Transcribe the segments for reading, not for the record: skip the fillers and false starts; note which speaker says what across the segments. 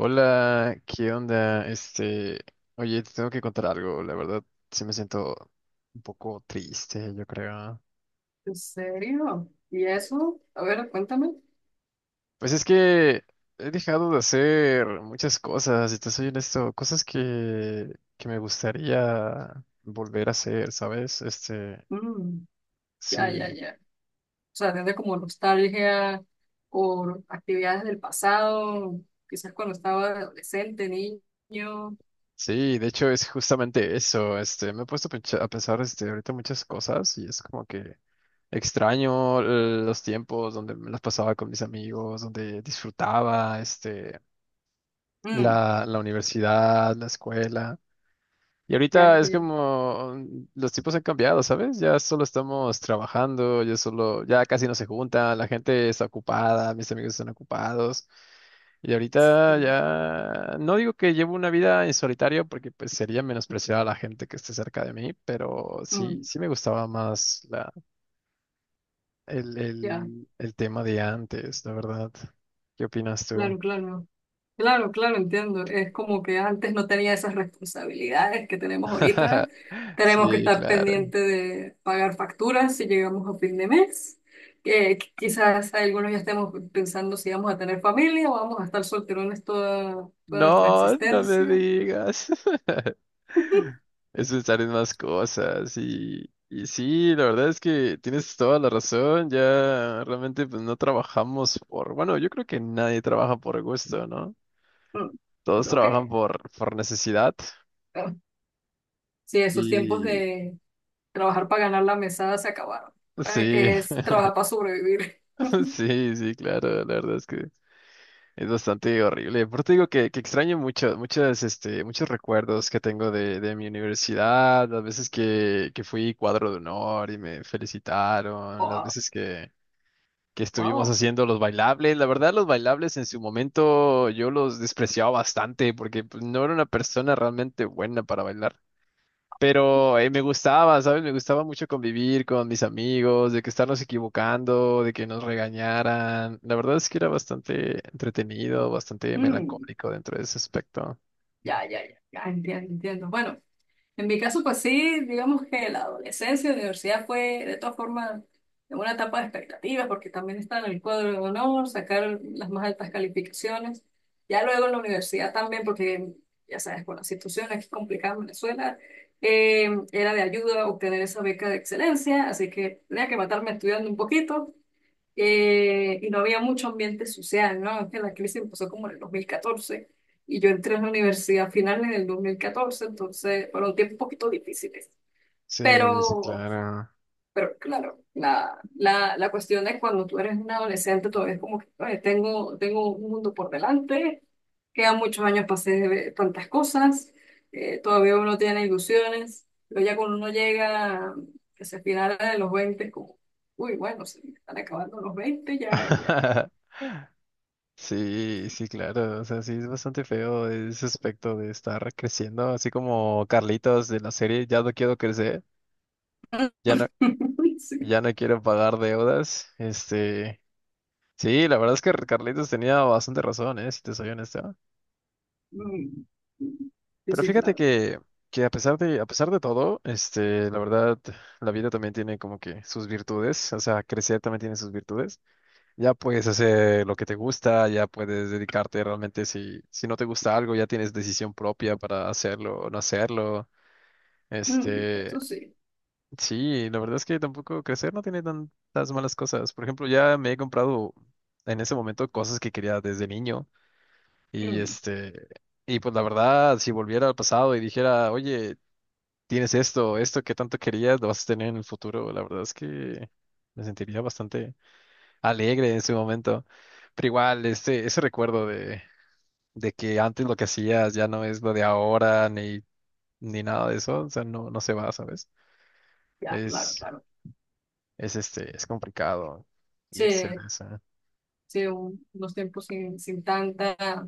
Speaker 1: Hola, ¿qué onda? Oye, te tengo que contar algo, la verdad, sí me siento un poco triste, yo creo.
Speaker 2: ¿En serio? ¿Y eso? A ver, cuéntame.
Speaker 1: Pues es que he dejado de hacer muchas cosas, y te soy honesto, cosas que me gustaría volver a hacer, ¿sabes?
Speaker 2: Mm, ya, ya,
Speaker 1: Sí,
Speaker 2: ya. O sea, tiene como nostalgia por actividades del pasado, quizás cuando estaba adolescente, niño.
Speaker 1: sí, de hecho es justamente eso, me he puesto a a pensar, ahorita muchas cosas, y es como que extraño los tiempos donde me las pasaba con mis amigos, donde disfrutaba
Speaker 2: Mm,
Speaker 1: la universidad, la escuela. Y
Speaker 2: ya,
Speaker 1: ahorita
Speaker 2: ya,
Speaker 1: es
Speaker 2: ya.
Speaker 1: como los tipos han cambiado, ¿sabes? Ya solo estamos trabajando, ya solo, ya casi no se juntan, la gente está ocupada, mis amigos están ocupados. Y ahorita
Speaker 2: Sí.
Speaker 1: ya no digo que llevo una vida en solitario porque pues sería menospreciar a la gente que esté cerca de mí, pero sí,
Speaker 2: Mm,
Speaker 1: sí me gustaba más el,
Speaker 2: ya,
Speaker 1: el, el tema de antes, la verdad. ¿Qué opinas tú?
Speaker 2: claro, claro. Claro, claro, entiendo. Es como que antes no tenía esas responsabilidades que tenemos ahorita. Tenemos que
Speaker 1: Sí,
Speaker 2: estar
Speaker 1: claro.
Speaker 2: pendiente de pagar facturas si llegamos a fin de mes. Quizás algunos ya estemos pensando si vamos a tener familia o vamos a estar solterones toda nuestra
Speaker 1: No, no me
Speaker 2: existencia.
Speaker 1: digas. Es pensar en más cosas y sí, la verdad es que tienes toda la razón. Ya realmente pues no trabajamos por, bueno, yo creo que nadie trabaja por gusto, ¿no?
Speaker 2: Mm,
Speaker 1: Todos
Speaker 2: creo
Speaker 1: trabajan
Speaker 2: que
Speaker 1: por necesidad
Speaker 2: eh, sí, esos tiempos
Speaker 1: y
Speaker 2: de trabajar para ganar la mesada se acabaron. Ahora
Speaker 1: sí,
Speaker 2: es trabajar para sobrevivir.
Speaker 1: sí, sí, claro, la verdad es que es bastante horrible. Por te digo que, extraño mucho, muchas, muchos recuerdos que tengo de mi universidad, las veces que, fui cuadro de honor y me felicitaron, las
Speaker 2: Wow,
Speaker 1: veces que estuvimos
Speaker 2: wow.
Speaker 1: haciendo los bailables. La verdad, los bailables en su momento yo los despreciaba bastante porque pues, no era una persona realmente buena para bailar. Pero me gustaba, ¿sabes? Me gustaba mucho convivir con mis amigos, de que estarnos equivocando, de que nos regañaran. La verdad es que era bastante entretenido, bastante
Speaker 2: Mm,
Speaker 1: melancólico dentro de ese aspecto.
Speaker 2: ya, ya, ya, ya entiendo, entiendo. Bueno. En mi caso, pues sí, digamos que la adolescencia, la universidad fue de todas formas una etapa de expectativas, porque también está en el cuadro de honor, sacar las más altas calificaciones. Ya luego en la universidad también, porque ya sabes, con la situación aquí complicada en Venezuela, era de ayuda obtener esa beca de excelencia, así que tenía que matarme estudiando un poquito y no había mucho ambiente social, ¿no? Es que la crisis empezó como en el 2014 y yo entré en la universidad a finales del 2014, entonces fueron tiempos un poquito difíciles,
Speaker 1: Sí, sí,
Speaker 2: pero
Speaker 1: claro.
Speaker 2: pero claro, la cuestión es cuando tú eres un adolescente, todavía es como que "Oye, tengo un mundo por delante, quedan muchos años para hacer tantas cosas, todavía uno tiene ilusiones, pero ya cuando uno llega hacia el final de los veinte es como, uy, bueno, se me están acabando los 20 ya, ya".
Speaker 1: Sí, sí, claro. O sea, sí, es bastante feo ese aspecto de estar creciendo, así como Carlitos de la serie, ya no quiero crecer, ya no,
Speaker 2: Sí.
Speaker 1: ya no quiero pagar deudas. Sí, la verdad es que Carlitos tenía bastante razón, ¿eh? Si te soy honesto.
Speaker 2: Mm. Sí,
Speaker 1: Pero
Speaker 2: sí,
Speaker 1: fíjate
Speaker 2: claro.
Speaker 1: que a pesar de todo, la verdad, la vida también tiene como que sus virtudes, o sea, crecer también tiene sus virtudes. Ya puedes hacer lo que te gusta, ya puedes dedicarte realmente si no te gusta algo, ya tienes decisión propia para hacerlo o no hacerlo.
Speaker 2: Mm,
Speaker 1: Este,
Speaker 2: eso sí.
Speaker 1: sí, la verdad es que tampoco crecer no tiene tantas malas cosas. Por ejemplo, ya me he comprado en ese momento cosas que quería desde niño y
Speaker 2: Mm,
Speaker 1: este, y pues la verdad, si volviera al pasado y dijera, oye, tienes esto, esto que tanto querías, lo vas a tener en el futuro. La verdad es que me sentiría bastante alegre en ese momento. Pero igual, ese recuerdo de que antes lo que hacías ya no es lo de ahora, ni nada de eso, o sea, no se va, ¿sabes?
Speaker 2: ya, claro,
Speaker 1: Es,
Speaker 2: claro.
Speaker 1: es complicado irse de
Speaker 2: Sí,
Speaker 1: esa.
Speaker 2: sí, unos tiempos sin, sin tanta.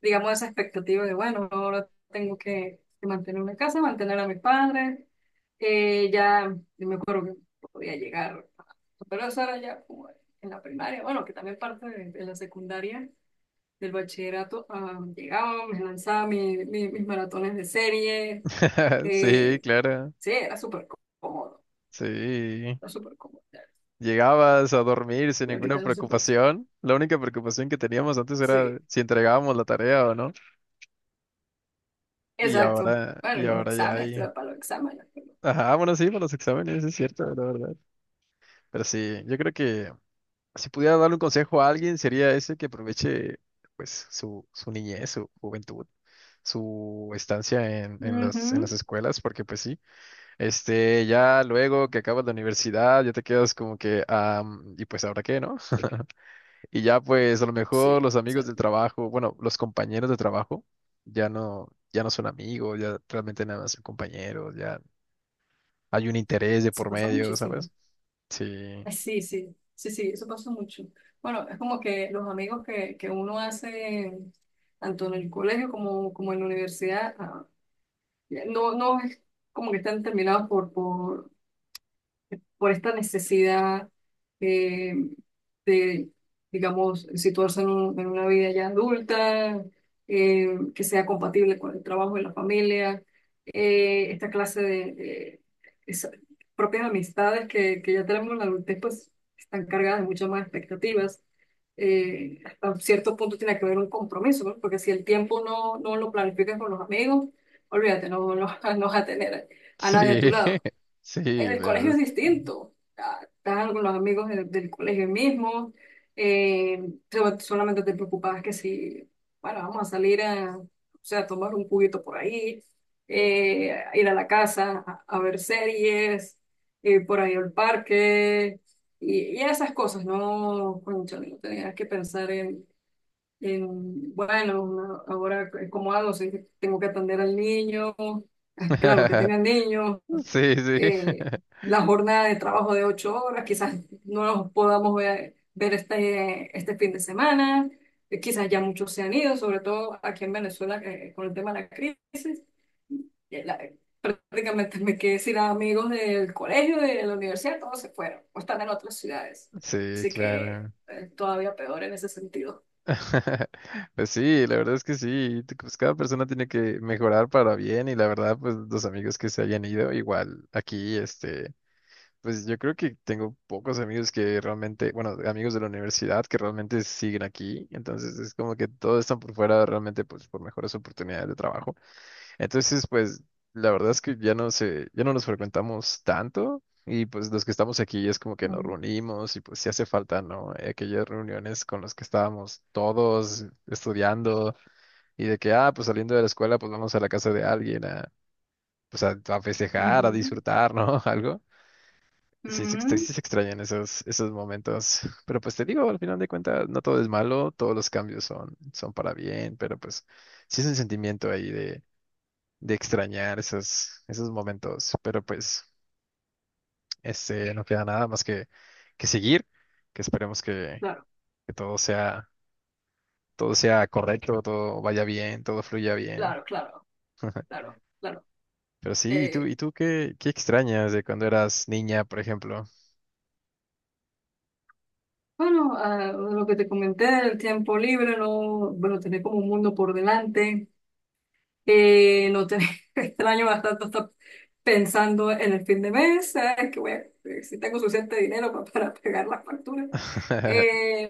Speaker 2: Digamos, esa expectativa de, bueno, ahora tengo que mantener una casa, mantener a mis padres. Ya, yo me acuerdo que podía llegar, pero eso era ya como en la primaria, bueno, que también parte de la secundaria, del bachillerato, ah, llegaba, me lanzaba mis maratones de serie.
Speaker 1: Sí,
Speaker 2: Eh,
Speaker 1: claro,
Speaker 2: sí, era súper cómodo,
Speaker 1: sí.
Speaker 2: era súper cómodo.
Speaker 1: Llegabas a dormir sin
Speaker 2: Y
Speaker 1: ninguna
Speaker 2: ahorita no se puede hacer.
Speaker 1: preocupación. La única preocupación que teníamos antes era
Speaker 2: Sí,
Speaker 1: si entregábamos la tarea o no. Y
Speaker 2: exacto.
Speaker 1: ahora,
Speaker 2: Bueno,
Speaker 1: y
Speaker 2: los
Speaker 1: ahora ya
Speaker 2: exámenes,
Speaker 1: hay.
Speaker 2: estudiar para los exámenes. Pero-
Speaker 1: Ajá, bueno, sí, para los exámenes, es cierto, la verdad. Pero sí, yo creo que si pudiera darle un consejo a alguien, sería ese que aproveche pues su niñez, su juventud, su estancia en las
Speaker 2: ujú,
Speaker 1: escuelas, porque pues sí, ya luego que acabas la universidad, ya te quedas como que, y pues ahora qué, ¿no? Y ya pues a lo mejor los
Speaker 2: sí,
Speaker 1: amigos del
Speaker 2: exacto.
Speaker 1: trabajo, bueno, los compañeros de trabajo, ya no, ya no son amigos, ya realmente nada más son compañeros, ya hay un interés de
Speaker 2: Eso
Speaker 1: por
Speaker 2: pasa
Speaker 1: medio,
Speaker 2: muchísimo.
Speaker 1: ¿sabes? Sí,
Speaker 2: Ay, sí, sí, sí, sí, eso pasa mucho. Bueno, es como que los amigos que uno hace, tanto en el colegio como, como en la universidad, ah, no, no es como que están terminados por, por esta necesidad eh, de, digamos, situarse en, en una vida ya adulta, que sea compatible con el trabajo y la familia, esta clase de esa- propias amistades que ya tenemos en la adultez, pues están cargadas de muchas más expectativas. Hasta cierto punto tiene que haber un compromiso, ¿no? Porque si el tiempo no lo planificas con los amigos, olvídate, no, no no vas a tener
Speaker 1: sí,
Speaker 2: a nadie a tu lado.
Speaker 1: sí,
Speaker 2: En
Speaker 1: la
Speaker 2: el
Speaker 1: verdad
Speaker 2: colegio es
Speaker 1: es
Speaker 2: distinto. Ah, estás con los amigos del colegio mismo. eh, Solamente te preocupabas que si, bueno, vamos a salir a, o sea, a tomar un juguito por ahí, a ir a la casa a ver series, por ahí al parque y esas cosas, ¿no? Cónchale, no tenías que pensar en, bueno, ahora cómo hago si tengo que atender al niño. Ah, claro, que
Speaker 1: que
Speaker 2: tengan niños,
Speaker 1: sí, sí, sí,
Speaker 2: eh, la jornada de trabajo de ocho horas, quizás no los podamos ver, ver este, este fin de semana, quizás ya muchos se han ido, sobre todo aquí en Venezuela, con el tema de la crisis. Eh, la- Prácticamente me quedé sin amigos del colegio, de la universidad, todos se fueron o están en otras ciudades.
Speaker 1: sí,
Speaker 2: Así que
Speaker 1: claro.
Speaker 2: todavía peor en ese sentido.
Speaker 1: Pues sí, la verdad es que sí, pues cada persona tiene que mejorar para bien y la verdad, pues los amigos que se hayan ido, igual aquí, pues yo creo que tengo pocos amigos que realmente, bueno, amigos de la universidad que realmente siguen aquí, entonces es como que todos están por fuera realmente, pues por mejores oportunidades de trabajo. Entonces, pues la verdad es que ya no nos frecuentamos tanto y pues los que estamos aquí es como que nos reunimos y pues sí hace falta, ¿no? Aquellas reuniones con las que estábamos todos estudiando y de que, ah, pues saliendo de la escuela, pues vamos a la casa de alguien a, pues a festejar, a disfrutar, ¿no? Algo. Sí se, extra-
Speaker 2: Ujú,
Speaker 1: sí se extrañan esos momentos, pero pues te digo, al final de cuentas, no todo es malo, todos los cambios son para bien, pero pues sí es un sentimiento ahí de extrañar esos momentos. Pero pues, no queda nada más que seguir, que esperemos que,
Speaker 2: claro.
Speaker 1: que todo sea correcto, todo vaya bien, todo fluya bien.
Speaker 2: Claro, claro, claro, claro.
Speaker 1: Pero sí, ¿y tú,
Speaker 2: Eh,
Speaker 1: y tú qué extrañas de cuando eras niña, por ejemplo?
Speaker 2: Bueno, ah, lo que te comenté el tiempo libre, no, bueno, tener como un mundo por delante, no tener, extraño bastante estar pensando en el fin de mes, ¿sabes? Que voy a- si tengo suficiente dinero para pagar las facturas. Eh,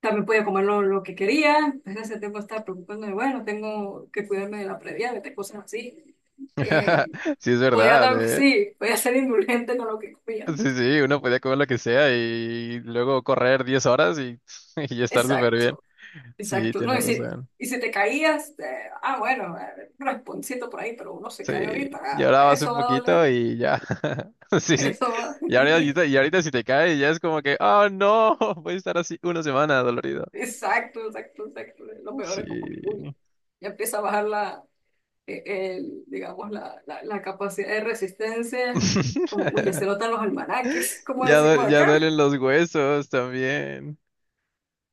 Speaker 2: También podía comer lo que quería, entonces ese tiempo estaba preocupándome, bueno, tengo que cuidarme de la previa, de cosas así. Eh,
Speaker 1: Sí, es
Speaker 2: Podía,
Speaker 1: verdad, ¿eh?
Speaker 2: sí, podía ser indulgente con lo que comía.
Speaker 1: Sí, sí, uno podía comer lo que sea y luego correr 10 horas y, y estar súper bien.
Speaker 2: Exacto.
Speaker 1: Sí,
Speaker 2: Exacto, no,
Speaker 1: tienes razón.
Speaker 2: y si te caías, bueno, un rasponcito por ahí, pero uno se cae
Speaker 1: Sí,
Speaker 2: ahorita, ah,
Speaker 1: lloraba hace un
Speaker 2: eso va a
Speaker 1: poquito
Speaker 2: doler,
Speaker 1: y ya. Sí, sí.
Speaker 2: eso va.
Speaker 1: Y ahorita si te cae, ya es como que, oh no, voy a estar así una semana dolorido.
Speaker 2: Exacto, exacto, exacto. Lo peor es como que, uy,
Speaker 1: Sí.
Speaker 2: ya empieza a bajar la, eh, el, digamos, la capacidad de resistencia, como, uy, ya se notan los almanaques, como
Speaker 1: Ya,
Speaker 2: decimos
Speaker 1: ya
Speaker 2: acá.
Speaker 1: duelen los huesos también.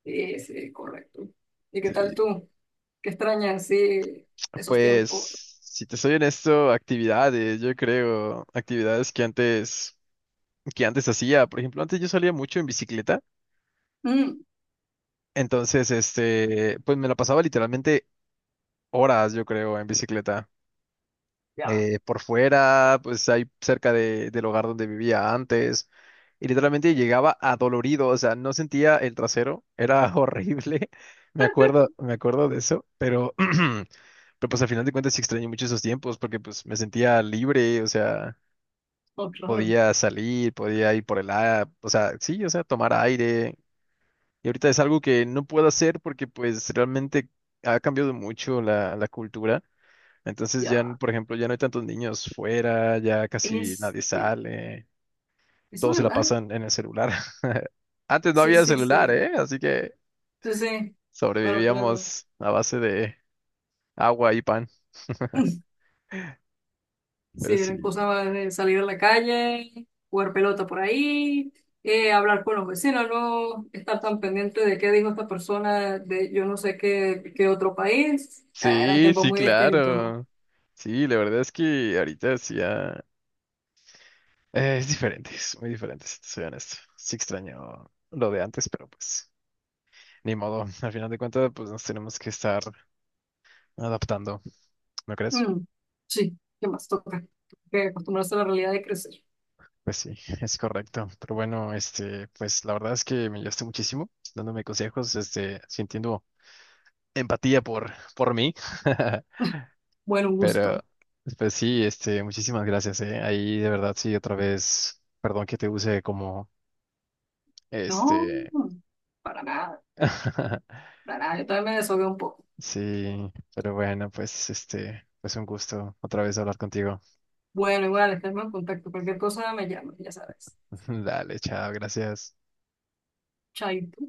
Speaker 2: Sí, sí, correcto. ¿Y qué
Speaker 1: Sí.
Speaker 2: tal tú? ¿Qué extrañas, sí, esos tiempos?
Speaker 1: Pues, si te soy honesto, actividades, yo creo, actividades que antes hacía. Por ejemplo, antes yo salía mucho en bicicleta.
Speaker 2: Mm,
Speaker 1: Entonces, pues me la pasaba literalmente horas, yo creo, en bicicleta.
Speaker 2: ya,
Speaker 1: Por fuera, pues ahí cerca del hogar donde vivía antes. Y literalmente llegaba adolorido, o sea, no sentía el trasero, era horrible. Me acuerdo de eso, pero, pero pues al final de cuentas sí extrañé mucho esos tiempos porque pues me sentía libre, o sea,
Speaker 2: oh, claro,
Speaker 1: podía salir, podía ir por el aire, o sea, sí, o sea, tomar aire. Y ahorita es algo que no puedo hacer porque pues realmente ha cambiado mucho la cultura. Entonces ya,
Speaker 2: ya,
Speaker 1: por ejemplo, ya no hay tantos niños fuera, ya casi nadie
Speaker 2: este.
Speaker 1: sale,
Speaker 2: ¿Eso
Speaker 1: todos se la
Speaker 2: verdad?
Speaker 1: pasan en el celular. Antes no
Speaker 2: Sí,
Speaker 1: había
Speaker 2: sí,
Speaker 1: celular,
Speaker 2: sí.
Speaker 1: ¿eh? Así que
Speaker 2: Sí, sí. Claro, claro.
Speaker 1: sobrevivíamos a base de agua y pan.
Speaker 2: Sí,
Speaker 1: Pero sí,
Speaker 2: eran cosas más de salir a la calle, jugar pelota por ahí, hablar con los vecinos, no estar tan pendiente de qué dijo esta persona de yo no sé qué, qué otro país. Ah, era
Speaker 1: sí,
Speaker 2: tiempo
Speaker 1: sí,
Speaker 2: muy distinto.
Speaker 1: claro. Sí, la verdad es que ahorita sí ya es diferente, es muy diferente, si te soy honesto. Sí extraño lo de antes, pero pues ni modo. Al final de cuentas, pues nos tenemos que estar adaptando, ¿no crees?
Speaker 2: Mm, sí, ¿qué más toca? Que acostumbrarse a la realidad de crecer.
Speaker 1: Pues sí, es correcto. Pero bueno, pues la verdad es que me ayudaste muchísimo dándome consejos, sintiendo empatía por mí.
Speaker 2: Bueno, un
Speaker 1: Pero,
Speaker 2: gusto.
Speaker 1: pues sí, muchísimas gracias, eh. Ahí de verdad sí, otra vez, perdón que te use como,
Speaker 2: No,
Speaker 1: este,
Speaker 2: para nada, para nada. Yo también me desahogué un poco.
Speaker 1: sí, pero bueno, pues pues un gusto otra vez hablar contigo.
Speaker 2: Bueno, igual, estarme en contacto. Cualquier cosa me llama, ya sabes.
Speaker 1: Dale, chao, gracias.
Speaker 2: Chaito.